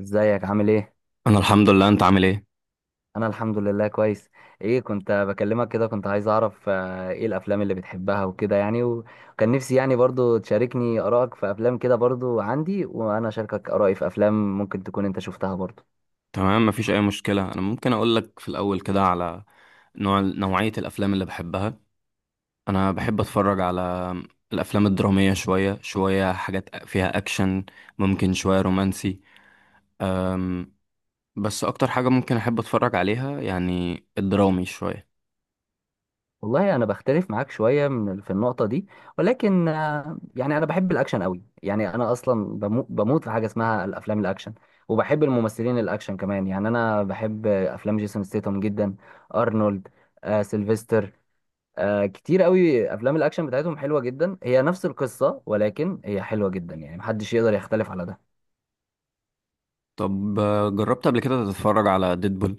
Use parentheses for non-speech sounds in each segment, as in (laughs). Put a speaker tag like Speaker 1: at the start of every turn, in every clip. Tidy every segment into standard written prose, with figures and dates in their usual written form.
Speaker 1: ازيك عامل ايه؟
Speaker 2: انا الحمد لله، انت عامل ايه؟
Speaker 1: انا الحمد لله كويس. ايه كنت بكلمك كده، كنت عايز اعرف ايه الافلام اللي بتحبها وكده، يعني وكان نفسي يعني برضو تشاركني ارائك في افلام كده، برضو عندي وانا اشاركك ارائي في افلام ممكن تكون انت شفتها برضو.
Speaker 2: تمام، مفيش اي مشكله. انا ممكن اقول لك في الاول كده على نوعيه الافلام اللي بحبها. انا بحب اتفرج على الافلام الدراميه، شويه حاجات فيها اكشن، ممكن شويه رومانسي. أم بس اكتر حاجه ممكن احب اتفرج عليها يعني الدرامي شويه.
Speaker 1: والله انا بختلف معاك شوية في النقطة دي. ولكن يعني انا بحب الاكشن قوي، يعني انا اصلا بموت في حاجة اسمها الافلام الاكشن. وبحب الممثلين الاكشن كمان، يعني انا بحب افلام جيسون ستيتم جدا. ارنولد، سيلفستر. كتير قوي افلام الاكشن بتاعتهم حلوه جدا، هي نفس القصه ولكن هي حلوه جدا، يعني محدش يقدر يختلف على ده.
Speaker 2: طب جربت قبل كده تتفرج على ديدبول؟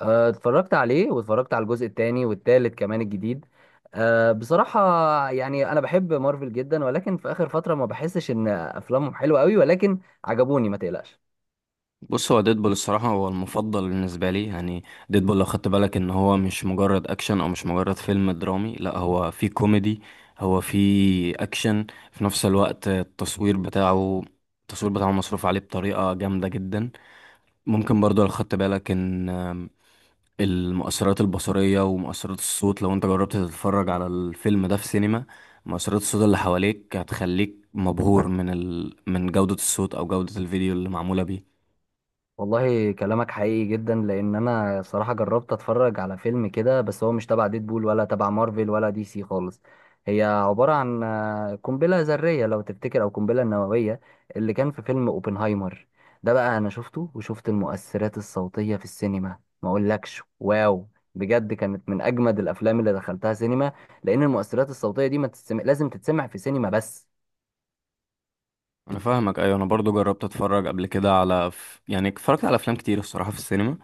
Speaker 1: آه، اتفرجت عليه واتفرجت على الجزء الثاني والثالث كمان الجديد. آه بصراحه، يعني انا بحب مارفل جدا ولكن في اخر فتره ما بحسش ان افلامهم حلوه قوي، ولكن عجبوني ما تقلقش.
Speaker 2: بص، هو ديدبول الصراحة هو المفضل بالنسبة لي. يعني ديدبول لو خدت بالك ان هو مش مجرد اكشن او مش مجرد فيلم درامي، لا، هو فيه كوميدي، هو فيه اكشن في نفس الوقت. التصوير بتاعه مصروف عليه بطريقة جامدة جدا. ممكن برضو لو خدت بالك ان المؤثرات البصرية ومؤثرات الصوت، لو انت جربت تتفرج على الفيلم ده في سينما، مؤثرات الصوت اللي حواليك هتخليك مبهور من جودة الصوت او جودة الفيديو اللي معمولة بيه.
Speaker 1: والله كلامك حقيقي جدا لان انا صراحه جربت اتفرج على فيلم كده، بس هو مش تبع ديدبول ولا تبع مارفل ولا دي سي خالص. هي عباره عن قنبله ذريه لو تفتكر او قنبله نوويه اللي كان في فيلم اوبنهايمر. ده بقى انا شفته وشفت المؤثرات الصوتيه في السينما، ما اقولكش واو، بجد كانت من اجمد الافلام اللي دخلتها سينما. لان المؤثرات الصوتيه دي ما تتسمع، لازم تتسمع في سينما بس.
Speaker 2: انا فاهمك، ايوه، انا برضو جربت اتفرج قبل كده على يعني اتفرجت على افلام كتير الصراحه في السينما،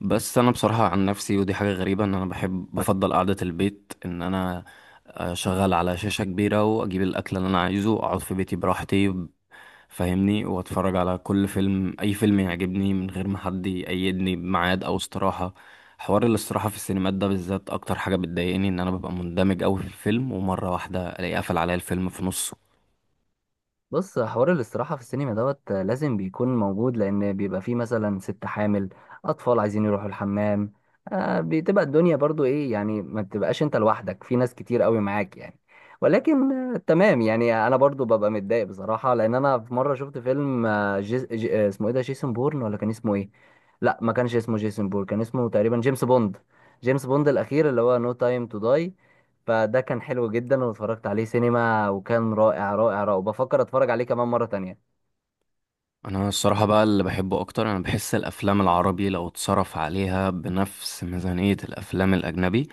Speaker 2: بس انا بصراحه عن نفسي، ودي حاجه غريبه، ان انا بحب، بفضل قعده البيت، ان انا اشغل على شاشه كبيره واجيب الاكل اللي انا عايزه، اقعد في بيتي براحتي، فاهمني، واتفرج على كل فيلم، اي فيلم يعجبني، من غير ما حد يقيدني بميعاد او استراحه. حوار الاستراحه في السينمات ده بالذات اكتر حاجه بتضايقني، ان انا ببقى مندمج قوي في الفيلم، ومره واحده الاقي قفل عليا الفيلم في نصه.
Speaker 1: بص، حوار الاستراحة في السينما دوت لازم بيكون موجود، لأن بيبقى فيه مثلا ست حامل، أطفال عايزين يروحوا الحمام. آه، بتبقى الدنيا برضو إيه يعني، ما بتبقاش أنت لوحدك، في ناس كتير قوي معاك يعني. ولكن تمام، يعني أنا برضو ببقى متضايق بصراحة، لأن أنا في مرة شفت فيلم آه جيس جي آه، اسمه إيه ده، جيسون بورن ولا كان اسمه إيه؟ لا، ما كانش اسمه جيسون بورن، كان اسمه تقريبا جيمس بوند. جيمس بوند الأخير اللي هو نو تايم تو داي. فده كان حلو جدا، واتفرجت عليه سينما وكان رائع رائع رائع، وبفكر اتفرج عليه كمان مرة تانية.
Speaker 2: انا الصراحه بقى اللي بحبه اكتر، انا بحس الافلام العربي لو اتصرف عليها بنفس ميزانيه الافلام الاجنبي،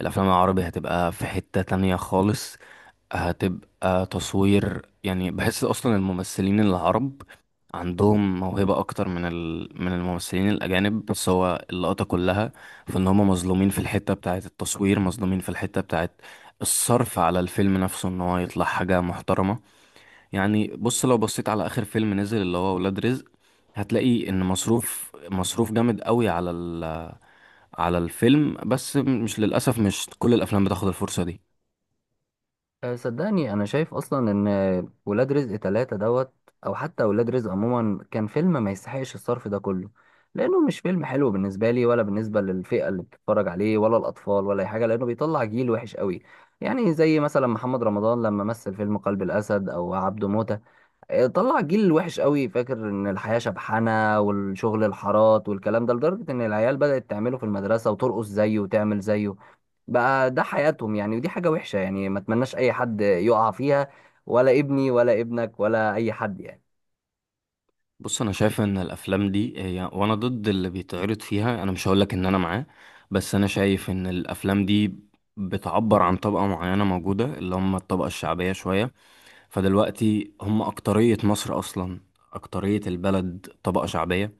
Speaker 2: الافلام العربي هتبقى في حته تانية خالص. هتبقى تصوير، يعني بحس اصلا الممثلين العرب عندهم موهبه اكتر من الممثلين الاجانب، بس هو اللقطه كلها في ان هم مظلومين في الحته بتاعه التصوير، مظلومين في الحته بتاعه الصرف على الفيلم نفسه، ان هو يطلع حاجه محترمه. يعني بص، لو بصيت على اخر فيلم نزل اللي هو ولاد رزق، هتلاقي ان مصروف جامد قوي على الفيلم، بس مش، للاسف مش كل الافلام بتاخد الفرصه دي.
Speaker 1: صدقني انا شايف اصلا ان ولاد رزق ثلاثة دوت او حتى ولاد رزق عموما كان فيلم ما يستحقش الصرف ده كله، لانه مش فيلم حلو بالنسبة لي ولا بالنسبة للفئة اللي بتتفرج عليه، ولا الاطفال ولا اي حاجة، لانه بيطلع جيل وحش قوي. يعني زي مثلا محمد رمضان لما مثل فيلم قلب الاسد او عبده موتة، طلع جيل وحش قوي فاكر ان الحياة شبحانة والشغل الحارات والكلام ده، لدرجة ان العيال بدأت تعمله في المدرسة وترقص زيه وتعمل زيه. بقى ده حياتهم يعني، ودي حاجة وحشة يعني، ما اتمناش اي حد يقع فيها، ولا ابني ولا ابنك ولا اي حد يعني.
Speaker 2: بص، انا شايف ان الافلام دي، هي وانا ضد اللي بيتعرض فيها، انا مش هقولك ان انا معاه، بس انا شايف ان الافلام دي بتعبر عن طبقة معينة موجودة، اللي هم الطبقة الشعبية شوية. فدلوقتي هم أكترية مصر أصلا، أكترية البلد طبقة شعبية.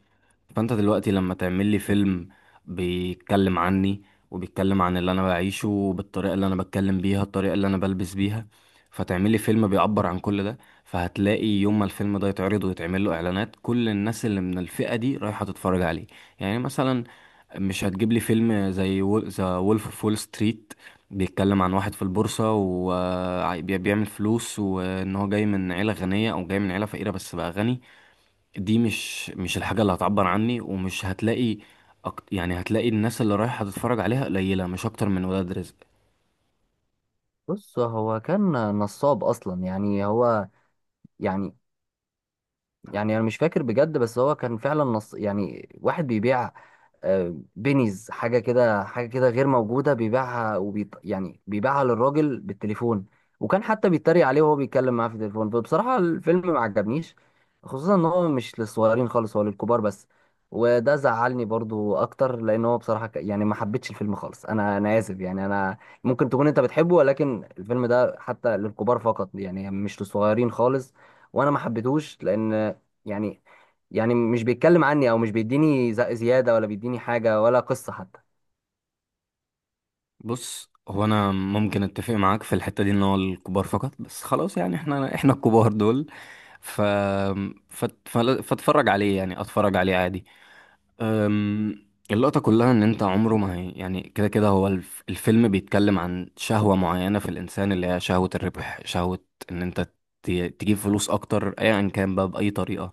Speaker 2: فانت دلوقتي لما تعمل لي فيلم بيتكلم عني، وبيتكلم عن اللي انا بعيشه، بالطريقه اللي انا بتكلم بيها، الطريقه اللي انا بلبس بيها، فتعمل لي فيلم بيعبر عن كل ده، فهتلاقي يوم ما الفيلم ده يتعرض ويتعمل له اعلانات، كل الناس اللي من الفئه دي رايحه تتفرج عليه. يعني مثلا، مش هتجيب لي فيلم زي ذا وولف اوف وول ستريت بيتكلم عن واحد في البورصة وبيعمل فلوس، وإن هو جاي من عيلة غنية أو جاي من عيلة فقيرة بس بقى غني. دي مش الحاجة اللي هتعبر عني، ومش هتلاقي يعني هتلاقي الناس اللي رايحة تتفرج عليها قليلة، مش أكتر من ولاد رزق.
Speaker 1: بص هو كان نصاب اصلا يعني، هو يعني، يعني انا مش فاكر بجد، بس هو كان فعلا نص يعني، واحد بيبيع بينيز حاجه كده حاجه كده غير موجوده، بيبيعها يعني بيبيعها للراجل بالتليفون. وكان حتى بيتريق عليه وهو بيتكلم معاه في التليفون، فبصراحه الفيلم ما عجبنيش، خصوصا ان هو مش للصغيرين خالص، هو للكبار بس. وده زعلني برضو اكتر، لان هو بصراحه يعني ما حبيتش الفيلم خالص، انا اسف يعني، انا ممكن تكون انت بتحبه، ولكن الفيلم ده حتى للكبار فقط يعني، مش للصغيرين خالص. وانا ما حبيتهوش لان يعني، يعني مش بيتكلم عني او مش بيديني زيادة ولا بيديني حاجة ولا قصة حتى.
Speaker 2: بص، هو أنا ممكن أتفق معاك في الحتة دي، إن هو الكبار فقط، بس خلاص يعني، إحنا الكبار دول، ف... فاتفرج عليه يعني، أتفرج عليه عادي. اللقطة كلها إن أنت عمره ما هي، يعني كده كده هو الفيلم بيتكلم عن شهوة معينة في الإنسان، اللي هي شهوة الربح، شهوة إن أنت ت- تجيب فلوس أكتر، أيا كان بقى بأي طريقة.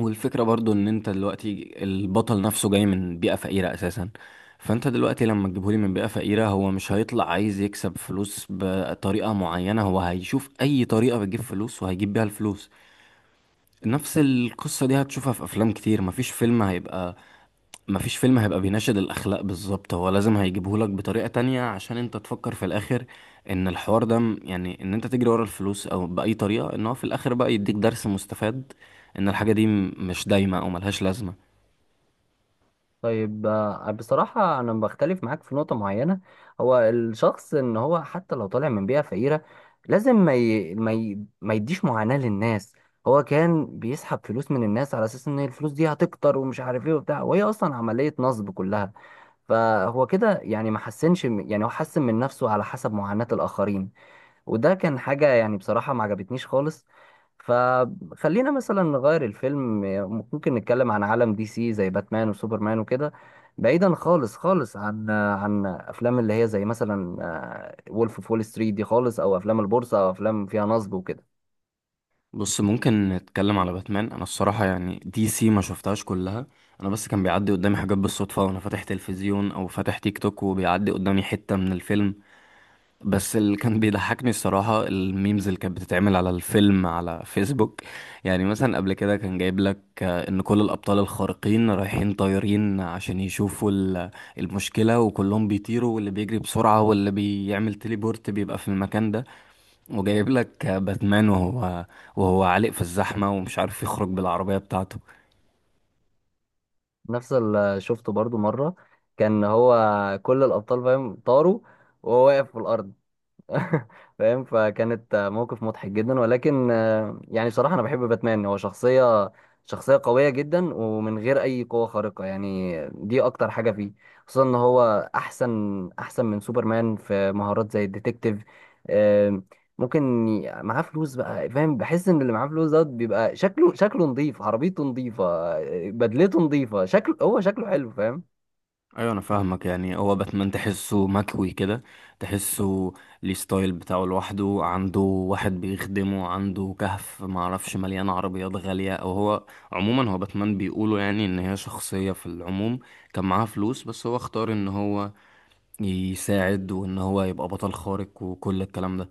Speaker 2: والفكرة برضو ان انت دلوقتي البطل نفسه جاي من بيئة فقيرة اساسا، فانت دلوقتي لما تجيبهولي من بيئة فقيرة، هو مش هيطلع عايز يكسب فلوس بطريقة معينة، هو هيشوف اي طريقة بتجيب فلوس وهيجيب بيها الفلوس. نفس القصة دي هتشوفها في افلام كتير. مفيش فيلم هيبقى، مفيش فيلم هيبقى بيناشد الأخلاق بالظبط، هو لازم هيجيبهولك بطريقة تانية، عشان انت تفكر في الآخر ان الحوار ده يعني ان انت تجري ورا الفلوس او بأي طريقة، ان هو في الآخر بقى يديك درس مستفاد، ان الحاجة دي مش دايمة او ملهاش لازمة.
Speaker 1: طيب، بصراحة انا بختلف معاك في نقطة معينة. هو الشخص ان هو حتى لو طالع من بيئة فقيرة، لازم ما يديش معاناة للناس. هو كان بيسحب فلوس من الناس على اساس ان الفلوس دي هتكتر ومش عارف ايه وبتاع، وهي اصلا عملية نصب كلها. فهو كده يعني ما حسنش يعني هو حسن من نفسه على حسب معاناة الاخرين. وده كان حاجة يعني بصراحة ما عجبتنيش خالص. فخلينا مثلا نغير الفيلم، ممكن نتكلم عن عالم دي سي زي باتمان وسوبرمان وكده، بعيدا خالص خالص عن افلام اللي هي زي مثلا وولف اوف وول ستريت دي خالص، او افلام البورصة او افلام فيها نصب وكده.
Speaker 2: بص، ممكن نتكلم على باتمان. انا الصراحة يعني دي سي ما شفتهاش كلها، انا بس كان بيعدي قدامي حاجات بالصدفة وانا فاتح تلفزيون او فاتح تيك توك، وبيعدي قدامي حتة من الفيلم. بس اللي كان بيضحكني الصراحة الميمز اللي كانت بتتعمل على الفيلم على فيسبوك. يعني مثلا قبل كده كان جايب لك ان كل الأبطال الخارقين رايحين طايرين عشان يشوفوا المشكلة، وكلهم بيطيروا، واللي بيجري بسرعة واللي بيعمل تليبورت بيبقى في المكان ده، وجايب لك باتمان وهو عالق في الزحمة ومش عارف يخرج بالعربية بتاعته.
Speaker 1: نفس اللي شفته برضو مرة، كان هو كل الابطال فاهم طاروا وهو واقف في الارض. (laughs) فاهم، فكانت موقف مضحك جدا، ولكن يعني بصراحة أنا بحب باتمان، هو شخصية قوية جدا ومن غير أي قوة خارقة، يعني دي أكتر حاجة فيه. خصوصا إن هو أحسن أحسن من سوبرمان في مهارات زي الديتكتيف. آه، ممكن معاه فلوس بقى فاهم، بحس إن اللي معاه فلوس دوت بيبقى شكله شكله نظيف، عربيته نظيفة، بدلته نظيفة، شكله هو شكله حلو فاهم.
Speaker 2: ايوه انا فاهمك، يعني هو باتمان تحسه مكوي كده، تحسه ليه ستايل بتاعه لوحده، عنده واحد بيخدمه، عنده كهف معرفش مليان عربيات غالية. او هو عموما، هو باتمان بيقولوا يعني ان هي شخصية في العموم كان معاها فلوس، بس هو اختار ان هو يساعد وان هو يبقى بطل خارق وكل الكلام ده.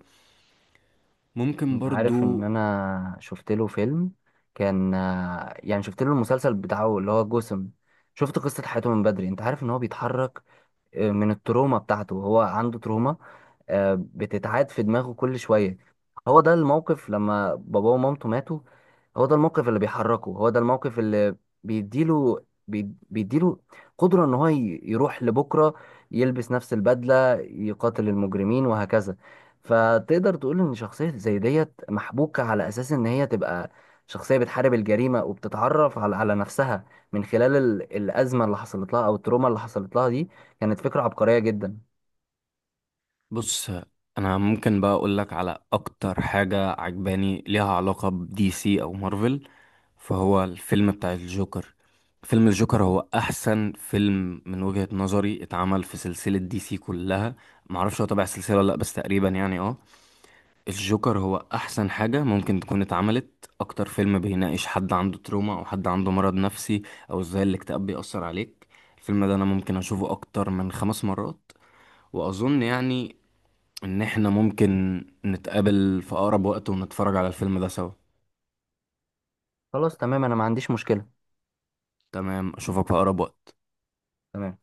Speaker 2: ممكن
Speaker 1: انت عارف ان
Speaker 2: برضو.
Speaker 1: انا شفت له فيلم، كان يعني شفت له المسلسل بتاعه اللي هو جسم. شفت قصة حياته من بدري، انت عارف ان هو بيتحرك من التروما بتاعته، هو عنده تروما بتتعاد في دماغه كل شوية. هو ده الموقف لما باباه ومامته ماتوا، هو ده الموقف اللي بيحركه، هو ده الموقف اللي بيديله قدرة ان هو يروح لبكرة، يلبس نفس البدلة يقاتل المجرمين وهكذا. فتقدر تقول ان شخصية زي ديت محبوكة على اساس ان هي تبقى شخصية بتحارب الجريمة وبتتعرف على نفسها، من خلال الأزمة اللي حصلت لها أو التروما اللي حصلت لها دي، كانت فكرة عبقرية جدا.
Speaker 2: بص، انا ممكن بقى اقول لك على اكتر حاجة عجباني ليها علاقة بدي سي او مارفل، فهو الفيلم بتاع الجوكر. فيلم الجوكر هو احسن فيلم من وجهة نظري اتعمل في سلسلة دي سي كلها، معرفش هو تبع السلسلة ولا لا، بس تقريبا يعني اه، الجوكر هو احسن حاجة ممكن تكون اتعملت. اكتر فيلم بيناقش حد عنده تروما او حد عنده مرض نفسي، او ازاي الاكتئاب بيأثر عليك. الفيلم ده انا ممكن اشوفه اكتر من 5 مرات. واظن يعني ان احنا ممكن نتقابل في اقرب وقت ونتفرج على الفيلم ده سوا.
Speaker 1: خلاص تمام، أنا ما عنديش مشكلة.
Speaker 2: تمام، اشوفك في اقرب وقت.
Speaker 1: تمام.